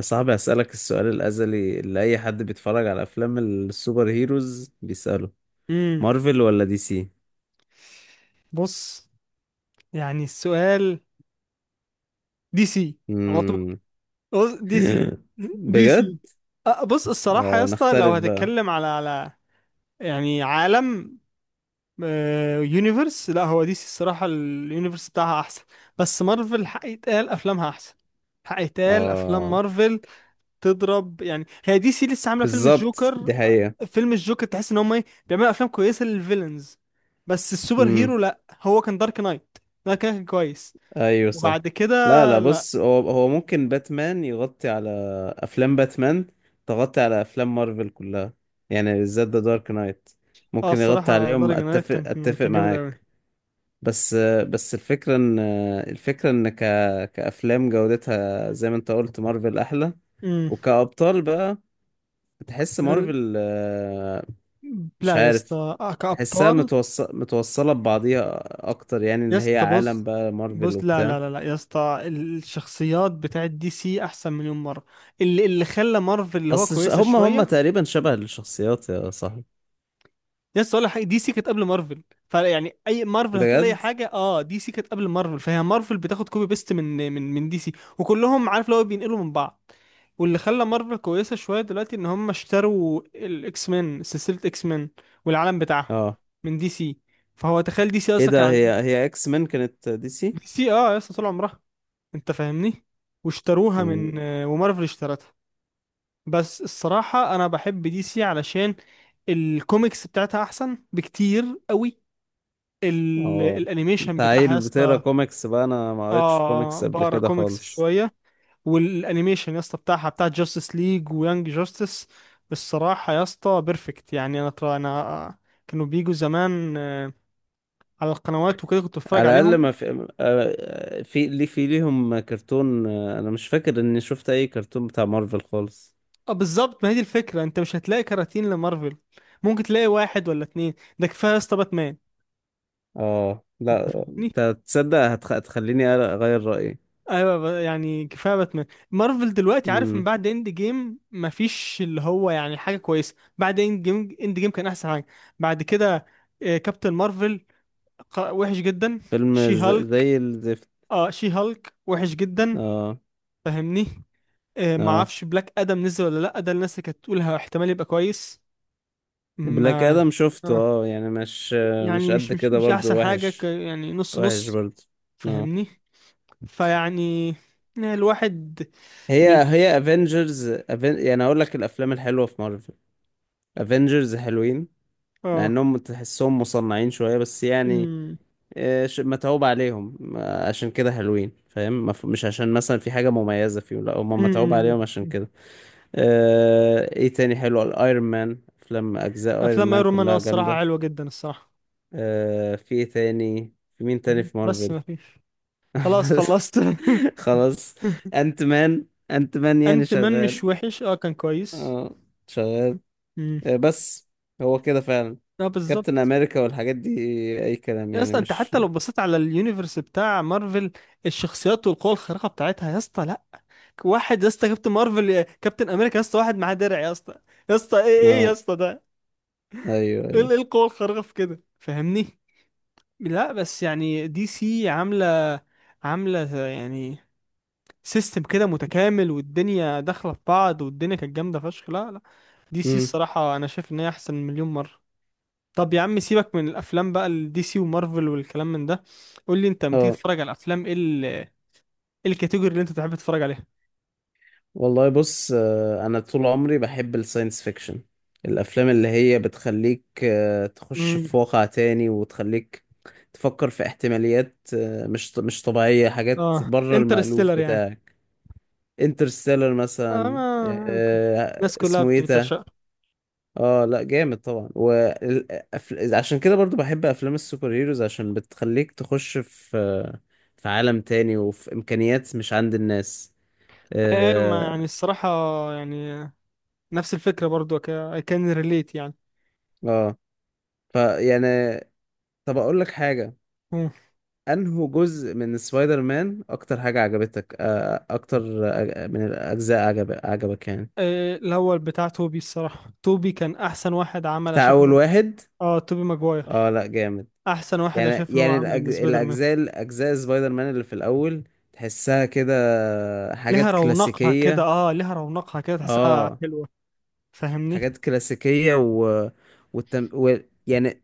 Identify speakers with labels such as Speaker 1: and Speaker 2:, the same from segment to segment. Speaker 1: صعب أسألك السؤال الأزلي اللي أي حد بيتفرج على أفلام السوبر هيروز بيسأله:
Speaker 2: امم
Speaker 1: مارفل ولا دي سي؟
Speaker 2: بص. يعني دي سي على طول.
Speaker 1: مم.
Speaker 2: بص دي سي. دي
Speaker 1: بجد؟
Speaker 2: سي أه، بص الصراحة يا
Speaker 1: اه،
Speaker 2: اسطى لو
Speaker 1: نختلف بقى.
Speaker 2: هتتكلم على يعني عالم يونيفرس. لا، هو دي سي الصراحة اليونيفرس بتاعها أحسن، بس مارفل حق يتقال أفلامها أحسن. حق يتقال أفلام
Speaker 1: اه،
Speaker 2: مارفل تضرب. يعني هي دي سي لسه عاملة فيلم
Speaker 1: بالظبط،
Speaker 2: الجوكر.
Speaker 1: دي حقيقة.
Speaker 2: فيلم الجوكر تحس إن هم إيه، بيعملوا أفلام كويسة للفيلنز، بس السوبر هيرو
Speaker 1: مم.
Speaker 2: لا. هو كان دارك نايت، ده كان كويس.
Speaker 1: أيوة، صح.
Speaker 2: وبعد كده
Speaker 1: لا لا،
Speaker 2: لا.
Speaker 1: بص، هو ممكن باتمان يغطي على أفلام باتمان، تغطي على أفلام مارفل كلها. يعني بالذات ذا دارك نايت
Speaker 2: اه،
Speaker 1: ممكن يغطي
Speaker 2: الصراحة
Speaker 1: عليهم.
Speaker 2: دارك نايت
Speaker 1: أتفق
Speaker 2: كان
Speaker 1: أتفق
Speaker 2: جامد قوي.
Speaker 1: معاك. بس بس الفكرة ان كأفلام جودتها زي ما انت قلت مارفل احلى.
Speaker 2: امم
Speaker 1: وكأبطال بقى، تحس مارفل مش
Speaker 2: لا يا
Speaker 1: عارف.
Speaker 2: اسطى،
Speaker 1: تحسها
Speaker 2: كأبطال.
Speaker 1: متوصلة ببعضيها اكتر، يعني
Speaker 2: يا
Speaker 1: اللي هي
Speaker 2: اسطى
Speaker 1: عالم
Speaker 2: بص،
Speaker 1: بقى مارفل
Speaker 2: بص لا
Speaker 1: وبتاع.
Speaker 2: لا لا لا يا اسطى، الشخصيات بتاعت دي سي احسن مليون مرة. اللي خلى مارفل اللي هو
Speaker 1: اصل
Speaker 2: كويسة
Speaker 1: هم
Speaker 2: شوية،
Speaker 1: تقريبا شبه الشخصيات يا صاحبي.
Speaker 2: يس، ولا حاجه. دي سي كانت قبل مارفل، فيعني اي مارفل هتقول اي
Speaker 1: بجد.
Speaker 2: حاجه. اه، دي سي كانت قبل مارفل، فهي مارفل بتاخد كوبي بيست من من دي سي، وكلهم عارف لو بينقلوا من بعض. واللي خلى مارفل كويسه شويه دلوقتي، ان هم اشتروا الاكس مان، سلسله اكس مان والعالم بتاعها،
Speaker 1: اه،
Speaker 2: من دي سي. فهو تخيل، دي سي
Speaker 1: ايه
Speaker 2: اصلا كان
Speaker 1: ده،
Speaker 2: عند
Speaker 1: هي اكس مان كانت دي سي؟
Speaker 2: دي سي، اه، لسه طول عمرها. انت فاهمني؟ واشتروها من،
Speaker 1: مم.
Speaker 2: ومارفل اشترتها. بس الصراحه انا بحب دي سي علشان الكوميكس بتاعتها احسن بكتير قوي.
Speaker 1: اه،
Speaker 2: الانيميشن
Speaker 1: انت
Speaker 2: بتاعها يا
Speaker 1: عيل بتقرا
Speaker 2: اسطى،
Speaker 1: كوميكس بقى؟ انا ما قريتش
Speaker 2: اه،
Speaker 1: كوميكس قبل
Speaker 2: بقرا
Speaker 1: كده
Speaker 2: كوميكس
Speaker 1: خالص.
Speaker 2: شويه. والانيميشن يا اسطى بتاعها، بتاع جاستس ليج ويانج جاستس، الصراحه يا اسطى بيرفكت. يعني انا طبعا انا آه، كانوا بيجوا زمان، على القنوات وكده، كنت بتفرج
Speaker 1: على الاقل
Speaker 2: عليهم.
Speaker 1: ما في في ليه في ليهم كرتون. انا مش فاكر اني شفت اي كرتون بتاع مارفل خالص.
Speaker 2: اه بالظبط، ما هي دي الفكره. انت مش هتلاقي كراتين لمارفل، ممكن تلاقي واحد ولا اتنين. ده كفايه يا اسطى باتمان.
Speaker 1: اه لا، تصدق هتخليني اغير رايي.
Speaker 2: ايوه يعني كفايه باتمان. مارفل دلوقتي عارف، من
Speaker 1: امم
Speaker 2: بعد اند جيم مفيش اللي هو يعني حاجه كويسه. بعد اند جيم، اند جيم كان احسن حاجه. بعد كده كابتن مارفل، وحش جدا.
Speaker 1: فيلم
Speaker 2: شي هالك،
Speaker 1: زي الزفت.
Speaker 2: اه، شي هالك وحش جدا.
Speaker 1: اه
Speaker 2: فاهمني؟ ما
Speaker 1: اه.
Speaker 2: اعرفش بلاك ادم نزل ولا لا. ده الناس اللي كانت تقولها احتمال يبقى كويس.
Speaker 1: بلاك
Speaker 2: ما،
Speaker 1: ادم شفته،
Speaker 2: آه
Speaker 1: اه يعني مش
Speaker 2: يعني مش
Speaker 1: قد
Speaker 2: مش
Speaker 1: كده،
Speaker 2: مش
Speaker 1: برضو
Speaker 2: احسن حاجه، ك
Speaker 1: وحش.
Speaker 2: يعني نص
Speaker 1: وحش
Speaker 2: نص.
Speaker 1: برضو. اه.
Speaker 2: فاهمني؟ فيعني آه، الواحد
Speaker 1: هي
Speaker 2: مش،
Speaker 1: افنجرز، يعني اقول لك الافلام الحلوه في مارفل، افنجرز حلوين، مع
Speaker 2: اه.
Speaker 1: انهم تحسهم مصنعين شوية بس يعني متعوب عليهم عشان كده حلوين، فاهم؟ مش عشان مثلا في حاجة مميزة فيهم، لا، هم متعوب
Speaker 2: امم.
Speaker 1: عليهم عشان كده. ايه تاني حلو؟ الايرون مان، افلام اجزاء ايرون
Speaker 2: افلام
Speaker 1: مان
Speaker 2: ايرون مان، اه
Speaker 1: كلها
Speaker 2: الصراحه
Speaker 1: جامدة.
Speaker 2: حلوه جدا الصراحه،
Speaker 1: في ايه تاني؟ في مين تاني في
Speaker 2: بس ما
Speaker 1: مارفل؟
Speaker 2: فيش. خلاص خلصت.
Speaker 1: خلاص. انت مان انت مان يعني
Speaker 2: انت مان مش
Speaker 1: شغال.
Speaker 2: وحش، اه كان كويس.
Speaker 1: اه شغال.
Speaker 2: امم.
Speaker 1: بس هو كده فعلا.
Speaker 2: اه
Speaker 1: كابتن
Speaker 2: بالظبط.
Speaker 1: امريكا والحاجات دي اي كلام
Speaker 2: يا
Speaker 1: يعني،
Speaker 2: اسطى انت
Speaker 1: مش.
Speaker 2: حتى لو بصيت على اليونيفرس بتاع مارفل، الشخصيات والقوى الخارقه بتاعتها يا اسطى، لا. واحد يا اسطى كابتن مارفل، يا كابتن امريكا يا اسطى، واحد معاه درع يا اسطى. يا اسطى ايه يا
Speaker 1: اه،
Speaker 2: اسطى ده؟
Speaker 1: ايوه ايوه.
Speaker 2: إيه القوه الخارقه في كده؟ فاهمني؟ لا بس يعني دي سي عامله يعني سيستم كده متكامل، والدنيا داخله في بعض، والدنيا كانت جامده فشخ. لا، دي سي
Speaker 1: امم
Speaker 2: الصراحه انا شايف ان هي احسن مليون مره. طب يا عم سيبك من الافلام بقى، الدي سي ومارفل والكلام من ده. قول لي انت لما تيجي
Speaker 1: اه
Speaker 2: تتفرج على الافلام، إيه الكاتيجوري اللي انت تحب تتفرج عليها؟
Speaker 1: والله، بص، انا طول عمري بحب الساينس فيكشن، الافلام اللي هي بتخليك تخش
Speaker 2: امم.
Speaker 1: في واقع تاني، وتخليك تفكر في احتماليات مش طبيعية، حاجات
Speaker 2: اه
Speaker 1: بره المألوف
Speaker 2: انترستيلر يعني.
Speaker 1: بتاعك. انترستيلر
Speaker 2: آه
Speaker 1: مثلا،
Speaker 2: ما... الناس كلها
Speaker 1: اسمه ايه ده.
Speaker 2: بتعشقها.
Speaker 1: اه لا، جامد طبعا. عشان كده برضو بحب افلام السوبر هيروز عشان بتخليك تخش في في عالم تاني، وفي امكانيات مش عند الناس.
Speaker 2: ايوه، ما
Speaker 1: اه.
Speaker 2: يعني الصراحه يعني نفس الفكره برضو، اي كان ريليت يعني.
Speaker 1: آه. فيعني طب اقول لك حاجة:
Speaker 2: مم.
Speaker 1: انه جزء من سبايدر مان اكتر حاجة عجبتك، اكتر من الاجزاء عجبك يعني؟
Speaker 2: الاول بتاع توبي، الصراحه توبي كان احسن واحد عمل
Speaker 1: بتاع
Speaker 2: شايف.
Speaker 1: اول واحد؟
Speaker 2: اه توبي ماجواير.
Speaker 1: اه لا، جامد.
Speaker 2: احسن واحد انا
Speaker 1: يعني
Speaker 2: شايف ان هو
Speaker 1: يعني
Speaker 2: عمل سبايدر مان.
Speaker 1: الاجزاء سبايدر مان اللي في الاول تحسها كده
Speaker 2: ليها
Speaker 1: حاجات
Speaker 2: رونقها كده،
Speaker 1: كلاسيكية.
Speaker 2: اه ليها رونقها كده، تحسها
Speaker 1: اه
Speaker 2: حلوه. فاهمني؟
Speaker 1: حاجات كلاسيكية والتم... و... يعني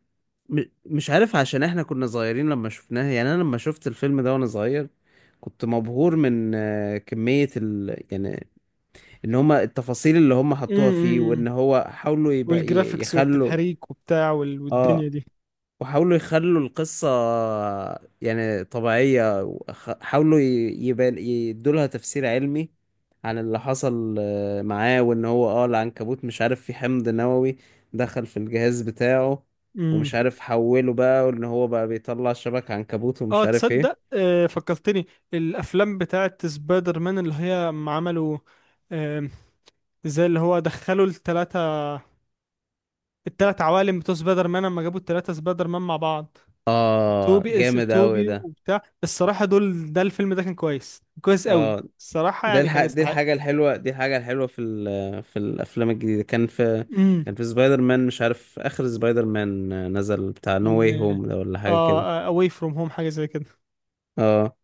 Speaker 1: مش عارف، عشان احنا كنا صغيرين لما شفناها. يعني انا لما شفت الفيلم ده وانا صغير كنت مبهور من كمية يعني ان هما التفاصيل اللي هما حطوها فيه،
Speaker 2: امم.
Speaker 1: وان هو حاولوا يبقى
Speaker 2: والجرافيكس
Speaker 1: يخلوا.
Speaker 2: والتحريك وبتاع، والدنيا
Speaker 1: اه،
Speaker 2: دي.
Speaker 1: وحاولوا يخلوا القصة يعني طبيعية، حاولوا يبان يدولها تفسير علمي عن اللي حصل معاه، وان هو اه العنكبوت مش عارف، في حمض نووي دخل في الجهاز بتاعه
Speaker 2: امم.
Speaker 1: ومش عارف حوله بقى، وان هو بقى بيطلع شبك عنكبوت
Speaker 2: اه
Speaker 1: ومش عارف
Speaker 2: تصدق،
Speaker 1: ايه.
Speaker 2: آه فكرتني. الافلام بتاعت سبايدر مان، اللي هي أما عملوا، آه، زي اللي هو دخلوا التلاتة، التلات عوالم بتوع سبايدر مان، لما جابوا التلاتة سبايدر مان مع بعض،
Speaker 1: اه
Speaker 2: توبي، اس
Speaker 1: جامد اوي
Speaker 2: توبي
Speaker 1: ده.
Speaker 2: وبتاع الصراحة. دول، ده الفيلم ده كان كويس كويس قوي
Speaker 1: اه،
Speaker 2: الصراحة، يعني كان
Speaker 1: دي
Speaker 2: يستحق.
Speaker 1: الحاجة الحلوة دي الحاجة الحلوة في في الأفلام الجديدة، كان في،
Speaker 2: امم.
Speaker 1: كان في سبايدر مان مش عارف، آخر سبايدر مان نزل بتاع نو واي
Speaker 2: كان،
Speaker 1: هوم ده ولا حاجة كده.
Speaker 2: اه اواي فروم هوم، حاجه زي كده.
Speaker 1: اه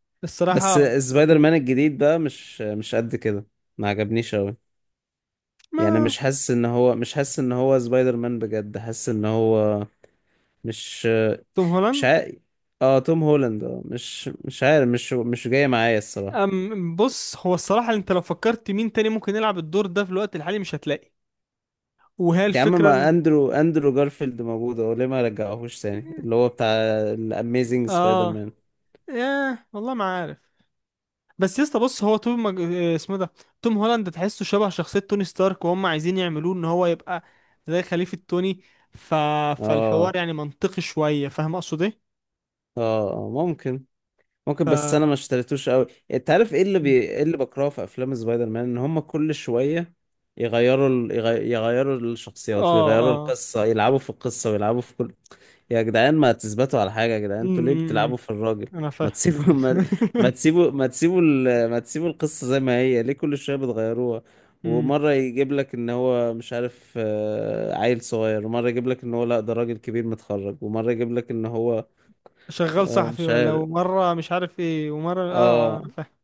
Speaker 1: بس
Speaker 2: الصراحه
Speaker 1: سبايدر
Speaker 2: فكرتني ب،
Speaker 1: مان الجديد بقى مش قد كده. ما عجبنيش أوي. يعني
Speaker 2: ما
Speaker 1: مش حاسس إن هو سبايدر مان بجد، حاسس إن هو مش.
Speaker 2: توم هولاند.
Speaker 1: مش عارف. اه توم هولاند، اه مش عارف، مش جاي معايا الصراحة.
Speaker 2: أم بص، هو الصراحه انت لو فكرت مين تاني ممكن يلعب الدور ده في الوقت الحالي، مش هتلاقي. وهي
Speaker 1: يا عم، ما
Speaker 2: الفكره.
Speaker 1: اندرو جارفيلد موجود اهو، ليه ما رجعهوش تاني،
Speaker 2: إن،
Speaker 1: اللي هو بتاع الاميزنج سبايدر
Speaker 2: اه،
Speaker 1: مان؟
Speaker 2: ياه والله ما عارف. بس يا اسطى بص، هو توم مج... آه، اسمه إيه ده؟ توم هولاند، تحسه شبه شخصيه توني ستارك، وهم عايزين يعملوه ان هو يبقى زي خليفه توني. ف،
Speaker 1: اه
Speaker 2: فالحوار يعني منطقي شويه. فاهم اقصد ايه؟
Speaker 1: اه. ممكن
Speaker 2: ف،
Speaker 1: ممكن بس
Speaker 2: اه.
Speaker 1: انا ما اشتريتوش قوي. انت عارف ايه اللي بكرهه في افلام سبايدر مان؟ ان هم كل شويه يغيروا يغيروا الشخصيات ويغيروا
Speaker 2: اه.
Speaker 1: القصه، يلعبوا في القصه ويلعبوا في كل. يا جدعان، ما تثبتوا على حاجه، يا جدعان انتوا
Speaker 2: امم
Speaker 1: ليه
Speaker 2: امم، امم.
Speaker 1: بتلعبوا في الراجل؟
Speaker 2: انا
Speaker 1: ما
Speaker 2: فاهم.
Speaker 1: تسيبوا ما, ما تسيبوا القصه زي ما هي، ليه كل شويه بتغيروها؟
Speaker 2: أمم.
Speaker 1: ومره يجيب لك ان هو مش عارف عيل صغير، ومره يجيب لك ان هو لا ده راجل كبير متخرج، ومره يجيب لك ان هو
Speaker 2: شغال صحفي،
Speaker 1: مش
Speaker 2: ولا
Speaker 1: عارف.
Speaker 2: ومره مش عارف ايه، ومره اه. اه
Speaker 1: اه.
Speaker 2: انا فاهم.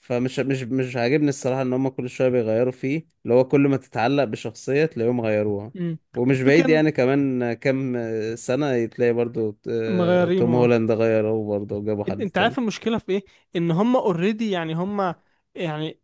Speaker 1: فمش مش مش عاجبني الصراحة ان هم كل شوية بيغيروا فيه، اللي هو كل ما تتعلق بشخصية تلاقيهم غيروها.
Speaker 2: أمم.
Speaker 1: ومش
Speaker 2: والفكرة
Speaker 1: بعيد
Speaker 2: إن
Speaker 1: يعني كمان كام سنة تلاقي برضو توم
Speaker 2: مغيرينه.
Speaker 1: هولاند غيروه برضو وجابوا
Speaker 2: إن،
Speaker 1: حد
Speaker 2: انت عارف
Speaker 1: تاني.
Speaker 2: المشكله في ايه؟ ان هم اوريدي، يعني هم يعني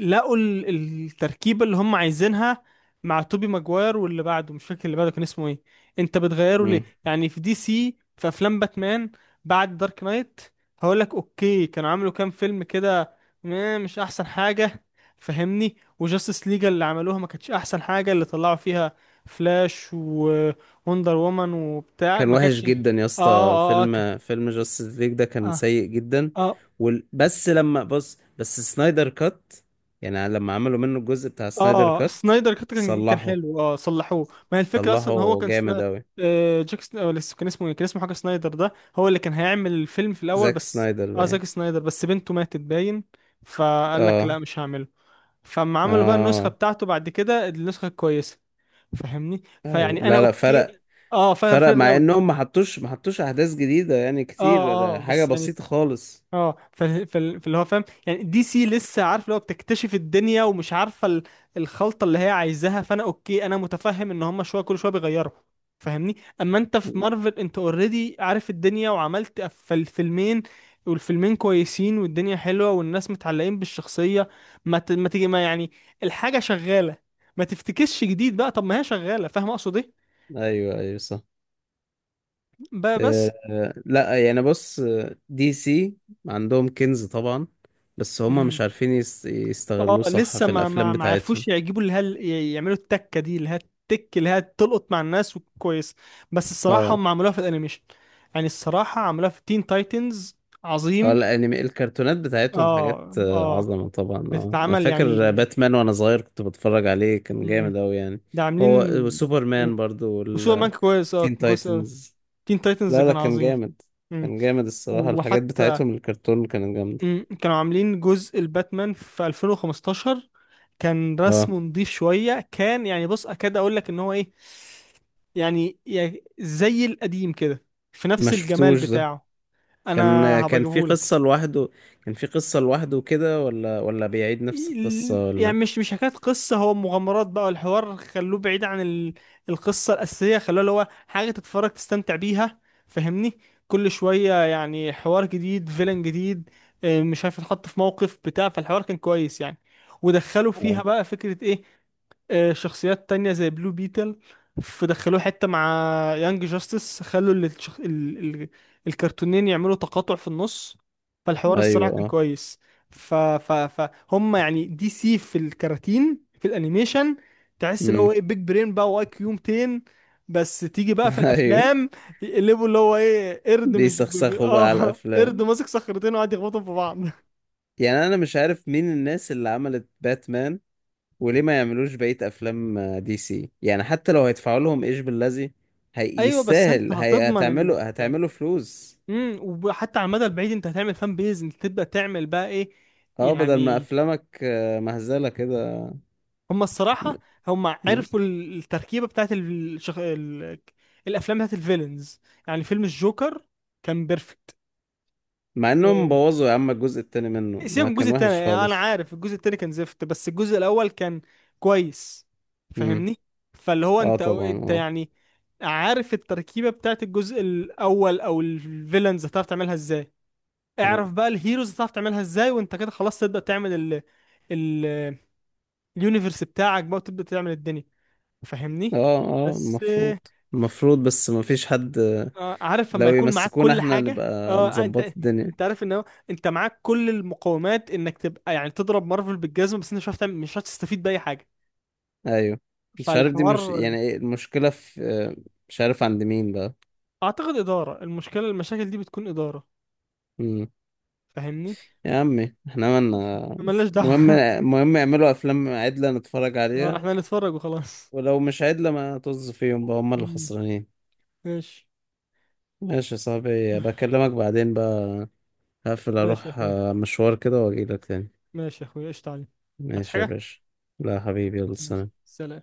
Speaker 2: لقوا التركيبة اللي هم عايزينها مع توبي ماجواير. واللي بعده مش فاكر اللي بعده كان اسمه ايه. انت بتغيره ليه؟
Speaker 1: مم.
Speaker 2: يعني في دي سي في افلام باتمان بعد دارك نايت، هقول لك اوكي، كانوا عملوا كام فيلم كده، مش احسن حاجة. فهمني، وجاستس ليجا اللي عملوها، ما كانتش احسن حاجة اللي طلعوا فيها. فلاش ووندر وومن وبتاع،
Speaker 1: كان
Speaker 2: ما
Speaker 1: وحش
Speaker 2: كانتش، اه.
Speaker 1: جدا يا اسطى،
Speaker 2: اه.
Speaker 1: فيلم جاستس ليج ده كان
Speaker 2: اه.
Speaker 1: سيء جدا.
Speaker 2: اه.
Speaker 1: بس لما بص، بس سنايدر كات، يعني لما عملوا منه الجزء بتاع سنايدر
Speaker 2: اه
Speaker 1: كات
Speaker 2: سنايدر كات كان
Speaker 1: صلحوا.
Speaker 2: حلو، اه صلحوه. ما هي الفكره اصلا ان هو
Speaker 1: صلحوا
Speaker 2: كان
Speaker 1: جامد
Speaker 2: سنا...
Speaker 1: اوي.
Speaker 2: آه جاك سن... آه، لسه كان اسمه إيه؟ كان اسمه حاجه سنايدر. ده هو اللي كان هيعمل الفيلم في الاول،
Speaker 1: زاك
Speaker 2: بس
Speaker 1: سنايدر
Speaker 2: اه
Speaker 1: باين.
Speaker 2: زاك سنايدر، بس بنته ماتت باين، فقال لك لا
Speaker 1: اه
Speaker 2: مش هعمله. فاما عملوا بقى النسخه
Speaker 1: اه.
Speaker 2: بتاعته بعد كده، النسخه الكويسه. فاهمني؟
Speaker 1: أيوة.
Speaker 2: فيعني انا
Speaker 1: لا لا، فرق،
Speaker 2: اوكي. اه فاير
Speaker 1: فرق،
Speaker 2: فاير
Speaker 1: مع
Speaker 2: قوي.
Speaker 1: انهم ما حطوش احداث جديده، يعني
Speaker 2: اه.
Speaker 1: كتير،
Speaker 2: اه
Speaker 1: حاجه
Speaker 2: بس يعني،
Speaker 1: بسيطه خالص.
Speaker 2: اه فاللي هو فاهم، يعني دي سي لسه عارف اللي هو بتكتشف الدنيا ومش عارفه الخلطه اللي هي عايزاها. فانا اوكي انا متفهم ان هم شويه، كل شويه بيغيروا. فاهمني؟ اما انت في
Speaker 1: مم.
Speaker 2: مارفل، انت اوريدي عارف الدنيا، وعملت في الفيلمين، والفيلمين كويسين، والدنيا حلوه، والناس متعلقين بالشخصيه. ما يعني الحاجه شغاله. ما تفتكسش جديد بقى، طب ما هي شغاله. فاهم اقصد ايه؟
Speaker 1: ايوه ايوه، صح.
Speaker 2: بقى، بس
Speaker 1: لا يعني بص، دي سي عندهم كنز طبعا، بس هم مش عارفين
Speaker 2: اه
Speaker 1: يستغلوه صح
Speaker 2: لسه
Speaker 1: في
Speaker 2: ما ما
Speaker 1: الافلام
Speaker 2: ما
Speaker 1: بتاعتهم.
Speaker 2: عرفوش يعجبوا اللي هل يعملوا التكه دي، اللي هي التك اللي هي تلقط مع الناس وكويس، بس الصراحه
Speaker 1: اه
Speaker 2: هم عملوها في الانيميشن. يعني الصراحه عملوها في تين تايتنز،
Speaker 1: اه.
Speaker 2: عظيم.
Speaker 1: الكرتونات بتاعتهم حاجات
Speaker 2: اه. اه
Speaker 1: عظمه طبعا. اه انا
Speaker 2: بتتعمل يعني.
Speaker 1: فاكر باتمان وانا صغير كنت بتفرج عليه، كان
Speaker 2: مم.
Speaker 1: جامد اوي يعني.
Speaker 2: ده عاملين.
Speaker 1: هو
Speaker 2: مم.
Speaker 1: وسوبرمان برضو
Speaker 2: وسوبر مان
Speaker 1: والتين
Speaker 2: كويس، اه كان كويس اوي.
Speaker 1: تايتنز.
Speaker 2: تين تايتنز
Speaker 1: لا لا،
Speaker 2: كان
Speaker 1: كان
Speaker 2: عظيم.
Speaker 1: جامد،
Speaker 2: مم.
Speaker 1: كان جامد الصراحة، الحاجات
Speaker 2: وحتى
Speaker 1: بتاعتهم الكرتون كانت جامدة.
Speaker 2: مم، كانوا عاملين جزء الباتمان في 2015، كان
Speaker 1: اه
Speaker 2: رسمه نضيف شوية، كان يعني بص، أكاد أقول لك إن هو إيه يعني، يعني زي القديم كده، في
Speaker 1: ما
Speaker 2: نفس الجمال
Speaker 1: شفتوش ده.
Speaker 2: بتاعه. أنا
Speaker 1: كان كان في
Speaker 2: هبجيبهولك.
Speaker 1: قصة لوحده كان في قصة لوحده كده، ولا بيعيد نفس القصة،
Speaker 2: يعني
Speaker 1: ولا؟
Speaker 2: مش حكاية قصة، هو مغامرات بقى، والحوار خلوه بعيد عن القصة الأساسية، خلوه اللي هو حاجة تتفرج تستمتع بيها. فاهمني؟ كل شوية يعني حوار جديد، فيلن جديد، مش عارف يتحط في موقف بتاع، فالحوار كان كويس يعني. ودخلوا فيها
Speaker 1: اه
Speaker 2: بقى فكرة ايه، شخصيات تانية زي بلو بيتل. فدخلوه حتة مع يانج جاستس، خلوا ال... ال... الكرتونين يعملوا تقاطع في النص. فالحوار الصراحة
Speaker 1: ايوه
Speaker 2: كان
Speaker 1: اه.
Speaker 2: كويس. ف ف فهم يعني دي سي في الكراتين في الانيميشن تحس اللي هو
Speaker 1: امم
Speaker 2: ايه، بيج برين بقى، واي كيو 200. بس تيجي بقى في
Speaker 1: ايوه
Speaker 2: الافلام، يقلبوا اللي هو ايه، قرد مش بي بي
Speaker 1: بيسخسخوا بقى على
Speaker 2: اه، قرد
Speaker 1: الافلام.
Speaker 2: ماسك صخرتين وقاعد يخبطهم في بعض.
Speaker 1: يعني انا مش عارف مين الناس اللي عملت باتمان، وليه ما يعملوش بقية افلام دي سي، يعني حتى لو هيدفعوا لهم ايش باللذي،
Speaker 2: ايوه، بس انت
Speaker 1: يستاهل،
Speaker 2: هتضمن انك،
Speaker 1: هتعملوا فلوس.
Speaker 2: امم، وحتى على المدى البعيد انت هتعمل فان بيز، انت تبدا تعمل بقى ايه
Speaker 1: اه بدل ما
Speaker 2: يعني.
Speaker 1: افلامك مهزله كده.
Speaker 2: هم
Speaker 1: م-
Speaker 2: الصراحه هم
Speaker 1: م-
Speaker 2: عرفوا التركيبه بتاعت الافلام بتاعت الفيلنز. يعني فيلم الجوكر كان بيرفكت.
Speaker 1: مع انهم
Speaker 2: إيه،
Speaker 1: بوظوا يا عم الجزء التاني منه،
Speaker 2: سيبك
Speaker 1: ما
Speaker 2: من الجزء
Speaker 1: كان
Speaker 2: التاني.
Speaker 1: وحش
Speaker 2: يعني انا
Speaker 1: خالص.
Speaker 2: عارف الجزء التاني كان زفت، بس الجزء الاول كان كويس.
Speaker 1: امم
Speaker 2: فاهمني؟ فاللي هو
Speaker 1: اه
Speaker 2: انت،
Speaker 1: طبعا.
Speaker 2: انت
Speaker 1: اه
Speaker 2: يعني عارف التركيبة بتاعت الجزء الاول، او الفيلنز هتعرف تعملها ازاي،
Speaker 1: اه
Speaker 2: اعرف بقى الهيروز هتعرف تعملها ازاي، وانت كده خلاص تبدأ تعمل ال، ال، اليونيفرس بتاعك بقى، وتبدأ تعمل الدنيا. فاهمني؟
Speaker 1: اه.
Speaker 2: بس
Speaker 1: المفروض، المفروض بس ما فيش حد،
Speaker 2: عارف لما
Speaker 1: لو
Speaker 2: يكون معاك
Speaker 1: يمسكونا
Speaker 2: كل
Speaker 1: احنا
Speaker 2: حاجة، اه،
Speaker 1: نبقى
Speaker 2: آه،
Speaker 1: نظبط
Speaker 2: انت
Speaker 1: الدنيا.
Speaker 2: انت عارف ان هو انت معاك كل المقومات انك تبقى يعني تضرب مارفل بالجزمة، بس انت مش هتعرف تعمل، مش هتستفيد بأي حاجة.
Speaker 1: ايوه. مش عارف، دي مش
Speaker 2: فالحوار
Speaker 1: يعني، ايه المشكله في مش عارف عند مين بقى.
Speaker 2: اعتقد إدارة المشاكل دي بتكون إدارة.
Speaker 1: امم
Speaker 2: فاهمني؟
Speaker 1: يا عمي احنا
Speaker 2: ماشي،
Speaker 1: مالنا.
Speaker 2: ملناش
Speaker 1: مهم
Speaker 2: دعوة.
Speaker 1: مهم يعملوا افلام عدله نتفرج
Speaker 2: اه
Speaker 1: عليها.
Speaker 2: احنا هنتفرج وخلاص.
Speaker 1: ولو مش عدله ما طز فيهم بقى، هم اللي
Speaker 2: مم.
Speaker 1: خسرانين.
Speaker 2: ماشي.
Speaker 1: ماشي يا صاحبي، بكلمك بعدين بقى، هقفل
Speaker 2: ماشي يا
Speaker 1: اروح
Speaker 2: اخوي.
Speaker 1: مشوار كده واجيلك تاني.
Speaker 2: ماشي يا اخويا، قشطة عليك. عايز
Speaker 1: ماشي يا
Speaker 2: حاجة؟
Speaker 1: باشا. لا حبيبي، يلا
Speaker 2: ماشي،
Speaker 1: سلام.
Speaker 2: سلام.